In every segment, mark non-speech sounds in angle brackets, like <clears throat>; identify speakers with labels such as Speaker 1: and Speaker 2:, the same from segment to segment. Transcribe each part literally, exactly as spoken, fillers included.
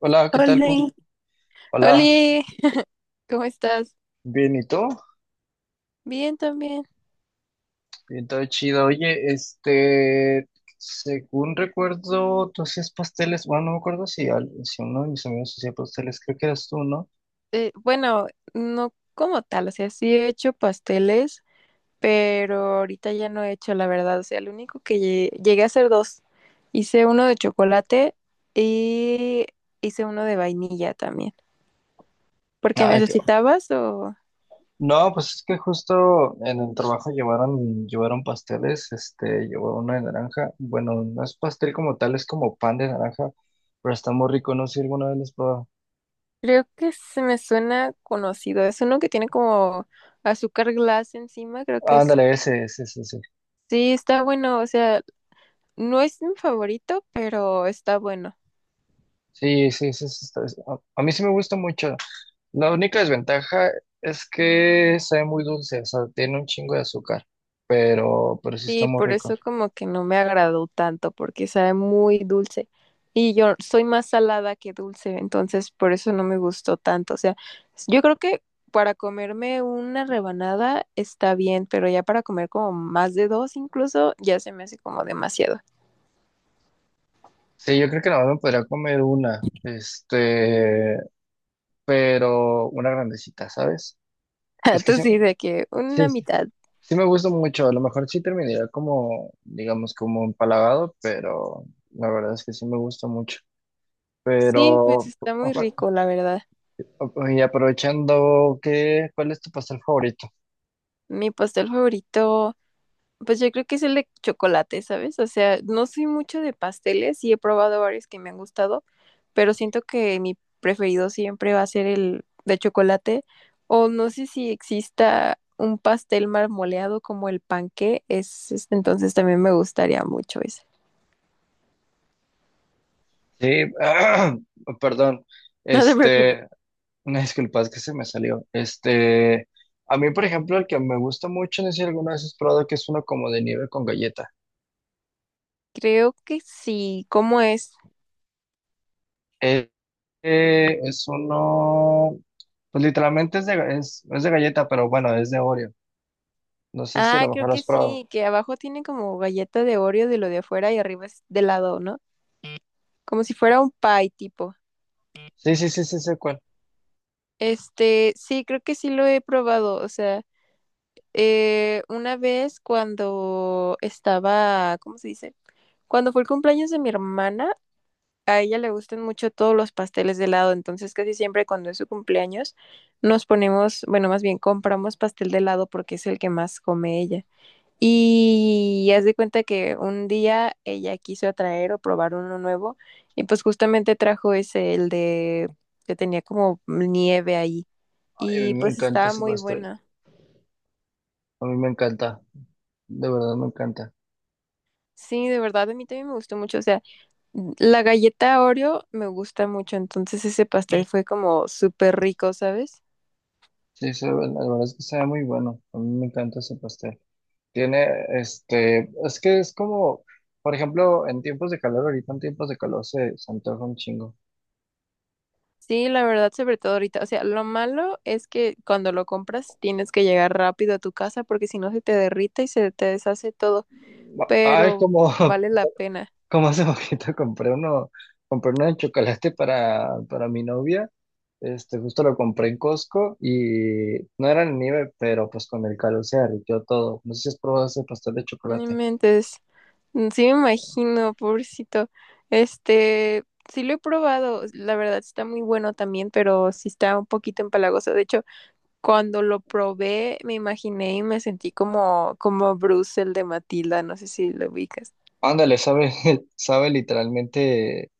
Speaker 1: Hola, ¿qué tal?
Speaker 2: Hola,
Speaker 1: ¿Cómo- Hola,
Speaker 2: hola, ¿cómo estás?
Speaker 1: bien, ¿y tú?
Speaker 2: Bien también.
Speaker 1: Bien, todo chido. Oye, este, según recuerdo, tú hacías pasteles, bueno, no me acuerdo si, al- si uno de mis amigos hacía pasteles, creo que eras tú, ¿no?
Speaker 2: Eh, bueno, no como tal, o sea, sí he hecho pasteles, pero ahorita ya no he hecho, la verdad. O sea, lo único que lle- llegué a hacer dos. Hice uno de chocolate y hice uno de vainilla también. ¿Por qué
Speaker 1: Ay, qué- bueno.
Speaker 2: necesitabas o...
Speaker 1: No, pues es que justo en el trabajo llevaron, llevaron pasteles, este, llevó uno de naranja, bueno, no es pastel como tal, es como pan de naranja, pero está muy rico, no sé si alguna vez lo has probado.
Speaker 2: Creo que se me suena conocido. Es uno que tiene como azúcar glass encima, creo que es.
Speaker 1: Ándale, ese, ese, ese, ese.
Speaker 2: Sí, está bueno, o sea, no es mi favorito, pero está bueno.
Speaker 1: Sí, sí, ese, ese está- a a mí sí me gusta mucho. La única desventaja es que sabe muy dulce, o sea, tiene un chingo de azúcar, pero, pero sí está
Speaker 2: Sí,
Speaker 1: muy
Speaker 2: por eso
Speaker 1: rico.
Speaker 2: como que no me agradó tanto, porque sabe muy dulce. Y yo soy más salada que dulce, entonces por eso no me gustó tanto. O sea, yo creo que para comerme una rebanada está bien, pero ya para comer como más de dos incluso, ya se me hace como demasiado.
Speaker 1: Sí, yo creo que nada más me podría comer una, este, pero una grandecita, ¿sabes? Es
Speaker 2: <laughs>
Speaker 1: que
Speaker 2: Tú
Speaker 1: sí,
Speaker 2: sí, de que
Speaker 1: sí,
Speaker 2: una mitad.
Speaker 1: sí me gusta mucho, a lo mejor sí terminaría como, digamos, como empalagado, pero la verdad es que sí me gusta mucho.
Speaker 2: Sí, pues
Speaker 1: Pero,
Speaker 2: está muy rico,
Speaker 1: ojo,
Speaker 2: la verdad.
Speaker 1: y aprovechando, ¿qué, cuál es tu pastel favorito?
Speaker 2: Mi pastel favorito. Pues yo creo que es el de chocolate, ¿sabes? O sea, no soy mucho de pasteles y he probado varios que me han gustado, pero siento que mi preferido siempre va a ser el de chocolate. O no sé si exista un pastel marmoleado como el panqué, es, es- entonces también me gustaría mucho ese.
Speaker 1: Sí, <clears throat> perdón.
Speaker 2: <laughs> No te preocupes.
Speaker 1: Este, Una disculpa, es que se me salió. Este, a mí, por ejemplo, el que me gusta mucho, no sé si alguna vez has probado, que es uno como de nieve con galleta.
Speaker 2: Creo que sí. ¿Cómo es?
Speaker 1: Eh, es uno, pues literalmente es de, ga- es, es de galleta, pero bueno, es de Oreo. No sé si a
Speaker 2: Ah,
Speaker 1: lo mejor
Speaker 2: creo
Speaker 1: lo
Speaker 2: que
Speaker 1: has probado.
Speaker 2: sí, que abajo tiene como galleta de Oreo de lo de afuera y arriba es de lado, ¿no? Como si fuera un pie tipo.
Speaker 1: Sí, sí, sí, sí, sé cuál.
Speaker 2: Este, sí, creo que sí lo he probado. O sea, eh, una vez cuando estaba, ¿cómo se dice? Cuando fue el cumpleaños de mi hermana, a ella le gustan mucho todos los pasteles de helado. Entonces, casi siempre cuando es su cumpleaños, nos ponemos, bueno, más bien compramos pastel de helado porque es el que más come ella. Y haz de cuenta que un día ella quiso traer o probar uno nuevo y pues justamente trajo ese, el de que tenía como nieve ahí
Speaker 1: Ay, a mí
Speaker 2: y
Speaker 1: me
Speaker 2: pues
Speaker 1: encanta
Speaker 2: estaba
Speaker 1: ese
Speaker 2: muy
Speaker 1: pastel.
Speaker 2: buena.
Speaker 1: A mí me encanta. De verdad me encanta.
Speaker 2: Sí, de verdad, a mí también me gustó mucho. O sea, la galleta Oreo me gusta mucho, entonces ese pastel fue como súper rico, ¿sabes?
Speaker 1: Sí, se ve- la verdad es que sabe muy bueno. A mí me encanta ese pastel. Tiene, este, es que es como, por ejemplo, en tiempos de calor, ahorita en tiempos de calor se, se antoja un chingo.
Speaker 2: Sí, la verdad, sobre todo ahorita. O sea, lo malo es que cuando lo compras tienes que llegar rápido a tu casa porque si no se te derrite y se te deshace todo,
Speaker 1: Ba- Ay,
Speaker 2: pero
Speaker 1: como,
Speaker 2: vale la
Speaker 1: <laughs>
Speaker 2: pena.
Speaker 1: como hace poquito compré uno, compré uno de chocolate para, para mi novia. Este, justo lo compré en Costco y no era en nieve, pero pues con el calor se derritió todo. No sé si has probado ese pastel de
Speaker 2: No
Speaker 1: chocolate.
Speaker 2: inventes. Mm, sí me imagino, pobrecito. Este, sí lo he probado, la verdad está muy bueno también, pero sí está un poquito empalagoso. De hecho, cuando lo probé, me imaginé y me sentí como, como Bruce, el de Matilda, no sé si lo ubicas.
Speaker 1: Ándale, sabe, <laughs> sabe literalmente,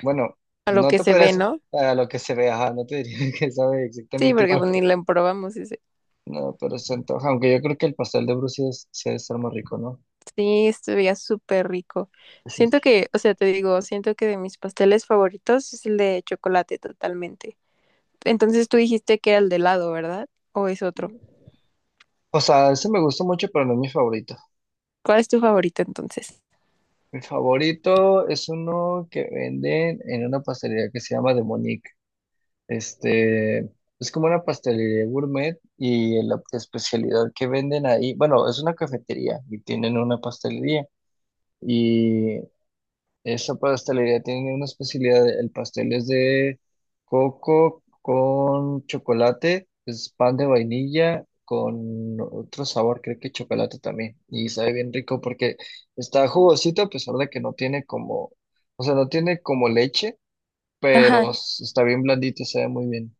Speaker 1: bueno,
Speaker 2: A lo
Speaker 1: no
Speaker 2: que
Speaker 1: te
Speaker 2: se ve,
Speaker 1: podrías
Speaker 2: ¿no?
Speaker 1: a lo que se ve, ajá, no te diría <laughs> que sabe
Speaker 2: Sí,
Speaker 1: exactamente
Speaker 2: porque
Speaker 1: igual.
Speaker 2: pues ni lo probamos. Y
Speaker 1: No, pero se antoja, aunque yo creo que el pastel de Brucia es, sí debe estar más rico, ¿no?
Speaker 2: sí, estuvía súper rico.
Speaker 1: Ese es-
Speaker 2: Siento que, o sea, te digo, siento que de mis pasteles favoritos es el de chocolate totalmente. Entonces tú dijiste que era el de helado, ¿verdad? ¿O es otro?
Speaker 1: O sea, ese me gusta mucho, pero no es mi favorito.
Speaker 2: ¿Cuál es tu favorito entonces?
Speaker 1: Mi favorito es uno que venden en una pastelería que se llama de Monique. Este, es como una pastelería gourmet y la especialidad que venden ahí, bueno, es una cafetería y tienen una pastelería. Y esta pastelería tiene una especialidad. El pastel es de coco con chocolate, es pan de vainilla con otro sabor, creo que chocolate también. Y sabe bien rico porque está jugosito a pesar de que no tiene como, o sea, no tiene como leche,
Speaker 2: Ajá.
Speaker 1: pero s- está bien blandito, sabe muy bien.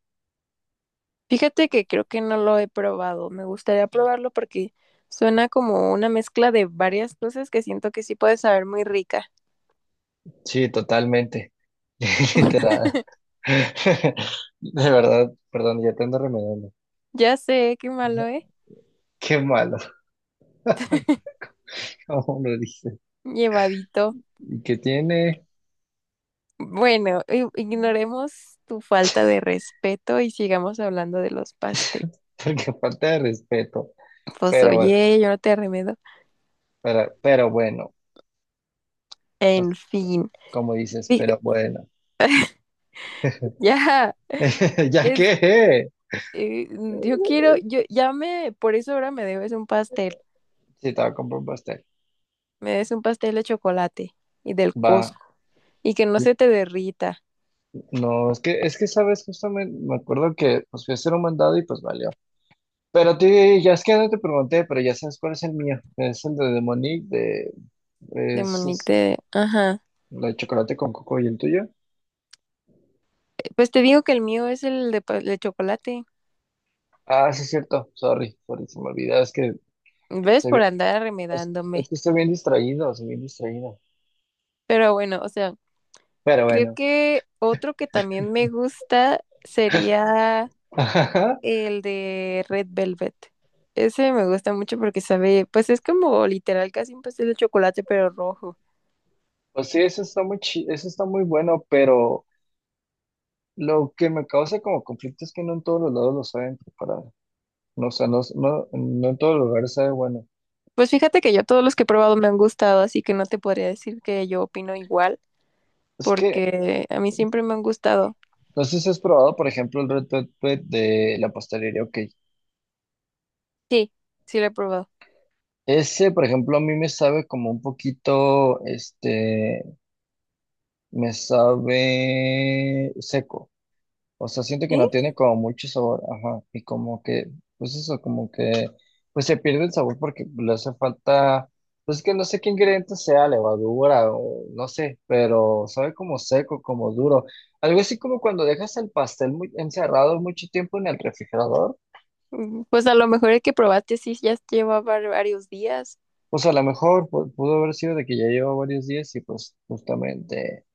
Speaker 2: Fíjate que creo que no lo he probado. Me gustaría probarlo porque suena como una mezcla de varias cosas que siento que sí puede saber muy rica.
Speaker 1: Sí, totalmente. <laughs> Literal.
Speaker 2: <laughs>
Speaker 1: <laughs> De verdad, perdón, ya te ando remedando.
Speaker 2: Ya sé, qué malo, ¿eh?
Speaker 1: Qué malo, <laughs> como lo dice.
Speaker 2: Llevadito.
Speaker 1: ¿Y qué tiene?
Speaker 2: Bueno, i- ignoremos tu falta de respeto y sigamos hablando de los pasteles.
Speaker 1: <laughs> Porque falta de respeto.
Speaker 2: Pues
Speaker 1: Pero bueno,
Speaker 2: oye, yo no te remedo.
Speaker 1: pero, pero bueno,
Speaker 2: En
Speaker 1: pues,
Speaker 2: fin.
Speaker 1: como dices,
Speaker 2: Fí-
Speaker 1: pero bueno.
Speaker 2: <laughs> Ya,
Speaker 1: <laughs> Ya
Speaker 2: es,
Speaker 1: que,
Speaker 2: eh, yo quiero, yo ya me, por eso ahora me debes un pastel.
Speaker 1: si estaba con un pastel,
Speaker 2: Me des un pastel de chocolate y del
Speaker 1: va.
Speaker 2: Costco y que no se te derrita
Speaker 1: No, es que, es que sabes, justamente me acuerdo que pues fui a hacer un mandado y pues valió. Pero te, ya es que no te pregunté, pero ya sabes cuál es el mío. Es el de Demonic, de,
Speaker 2: de
Speaker 1: es,
Speaker 2: Monique
Speaker 1: es
Speaker 2: de... Ajá.
Speaker 1: la de chocolate con coco y el tuyo.
Speaker 2: Pues te digo que el mío es el de, pa- de chocolate.
Speaker 1: Ah, sí, es cierto. Sorry, sorry, se me olvidó. Es que
Speaker 2: ¿Ves?
Speaker 1: estoy
Speaker 2: Por
Speaker 1: bien,
Speaker 2: andar
Speaker 1: es, es
Speaker 2: arremedándome.
Speaker 1: que estoy bien distraído, estoy bien distraído.
Speaker 2: Pero bueno, o sea,
Speaker 1: Pero
Speaker 2: creo
Speaker 1: bueno.
Speaker 2: que otro que también me gusta sería
Speaker 1: <laughs>
Speaker 2: el de Red Velvet. Ese me gusta mucho porque sabe, pues es como literal casi un pastel de chocolate, pero rojo.
Speaker 1: Pues sí, eso está muy chi- eso está muy bueno, pero lo que me causa como conflicto es que no en todos los lados lo saben preparar. No, o sea, no, no, no en todos los lugares sabe bueno.
Speaker 2: Pues fíjate que yo todos los que he probado me han gustado, así que no te podría decir que yo opino igual,
Speaker 1: Es que,
Speaker 2: porque a mí siempre me han gustado.
Speaker 1: no sé si has probado, por ejemplo, el Red Velvet de la pastelería, ok.
Speaker 2: Sí, sí lo he probado.
Speaker 1: Ese, por ejemplo, a mí me sabe como un poquito, este, me sabe seco. O sea, siento que
Speaker 2: ¿Sí?
Speaker 1: no tiene como mucho sabor, ajá, y como que, pues eso, como que, pues se pierde el sabor porque le hace falta, pues que no sé qué ingrediente sea, levadura o no sé, pero sabe como seco, como duro. Algo así como cuando dejas el pastel muy encerrado mucho tiempo en el refrigerador,
Speaker 2: Mm, pues a lo mejor el que probaste sí ya llevaba varios días.
Speaker 1: pues a lo mejor pu- pudo haber sido de que ya lleva varios días y pues justamente,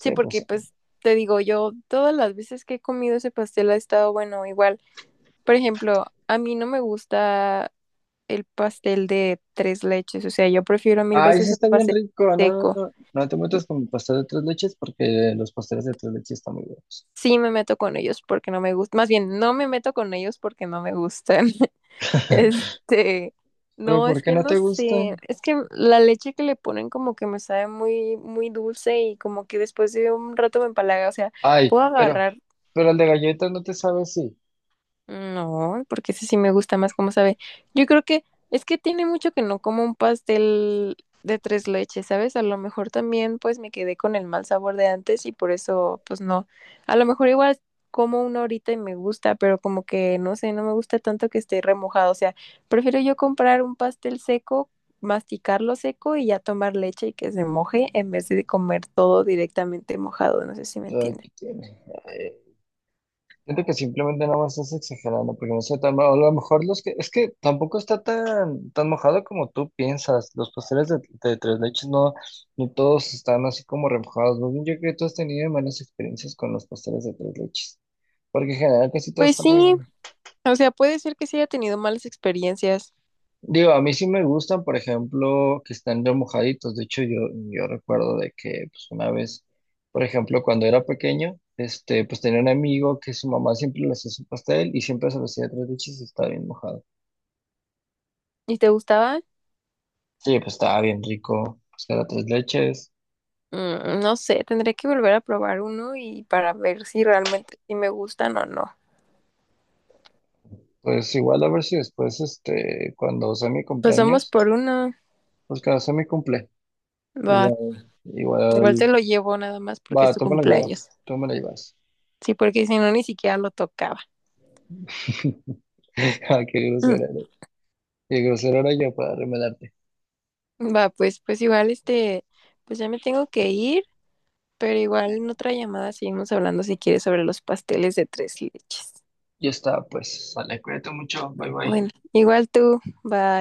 Speaker 2: Sí, porque
Speaker 1: pues,
Speaker 2: pues te digo, yo todas las veces que he comido ese pastel ha estado bueno, igual. Por ejemplo, a mí no me gusta el pastel de tres leches, o sea, yo prefiero mil
Speaker 1: ay, sí
Speaker 2: veces el
Speaker 1: está bien
Speaker 2: pastel
Speaker 1: rico, no, no,
Speaker 2: seco.
Speaker 1: no, no te metas con pastel de tres leches porque los pasteles de tres leches están muy buenos.
Speaker 2: Sí me meto con ellos porque no me gusta, más bien no me meto con ellos porque no me gustan. <laughs> Este,
Speaker 1: ¿Pero
Speaker 2: no,
Speaker 1: por
Speaker 2: es
Speaker 1: qué
Speaker 2: que
Speaker 1: no
Speaker 2: no
Speaker 1: te gusta?
Speaker 2: sé, es que la leche que le ponen como que me sabe muy, muy dulce y como que después de un rato me empalaga, o sea,
Speaker 1: Ay,
Speaker 2: puedo
Speaker 1: pero,
Speaker 2: agarrar
Speaker 1: pero el de galletas no te sabe así.
Speaker 2: no, porque ese sí me gusta más cómo sabe. Yo creo que es que tiene mucho que no como un pastel de tres leches, ¿sabes? A lo mejor también pues me quedé con el mal sabor de antes y por eso pues no. A lo mejor igual como uno ahorita y me gusta, pero como que no sé, no me gusta tanto que esté remojado. O sea, prefiero yo comprar un pastel seco, masticarlo seco y ya tomar leche y que se moje en vez de comer todo directamente mojado. No sé si me
Speaker 1: Ay,
Speaker 2: entiendes.
Speaker 1: ¿qué tiene? Ay, siento que simplemente no me estás exagerando, porque no sé tan mal. A lo mejor los que, es que tampoco está tan, tan mojado como tú piensas. Los pasteles de, de tres leches no, no todos están así como remojados. Más bien, yo creo que tú has tenido malas experiencias con los pasteles de tres leches, porque en general casi todo
Speaker 2: Pues
Speaker 1: está muy
Speaker 2: sí,
Speaker 1: bueno.
Speaker 2: o sea, puede ser que sí haya tenido malas experiencias.
Speaker 1: Digo, a mí sí me gustan, por ejemplo, que están remojaditos. De hecho, yo, yo recuerdo de que, pues, una vez, por ejemplo, cuando era pequeño, este, pues tenía un amigo que su mamá siempre le hacía su pastel y siempre se lo hacía de tres leches y estaba bien mojado.
Speaker 2: ¿Y te gustaba?
Speaker 1: Sí, pues estaba bien rico, pues era tres leches.
Speaker 2: Mm, no sé, tendré que volver a probar uno y para ver si realmente sí me gustan o no.
Speaker 1: Pues igual a ver si después, este, cuando sea mi
Speaker 2: Pues vamos
Speaker 1: cumpleaños,
Speaker 2: por uno.
Speaker 1: pues cuando sea mi cumple,
Speaker 2: Va,
Speaker 1: igual,
Speaker 2: igual te
Speaker 1: igual,
Speaker 2: lo llevo nada más porque es
Speaker 1: va,
Speaker 2: tu
Speaker 1: tú me lo llevas,
Speaker 2: cumpleaños.
Speaker 1: tú me lo llevas.
Speaker 2: Sí, porque si no ni siquiera lo tocaba.
Speaker 1: <laughs> Ah, qué
Speaker 2: Mm,
Speaker 1: grosera eres. Qué grosera era yo para remelar.
Speaker 2: va, pues, pues igual este, pues ya me tengo que ir, pero igual en otra llamada seguimos hablando si quieres sobre los pasteles de tres leches.
Speaker 1: Ya está, pues, sale, cuídate mucho, bye bye.
Speaker 2: Bueno, igual tú, va.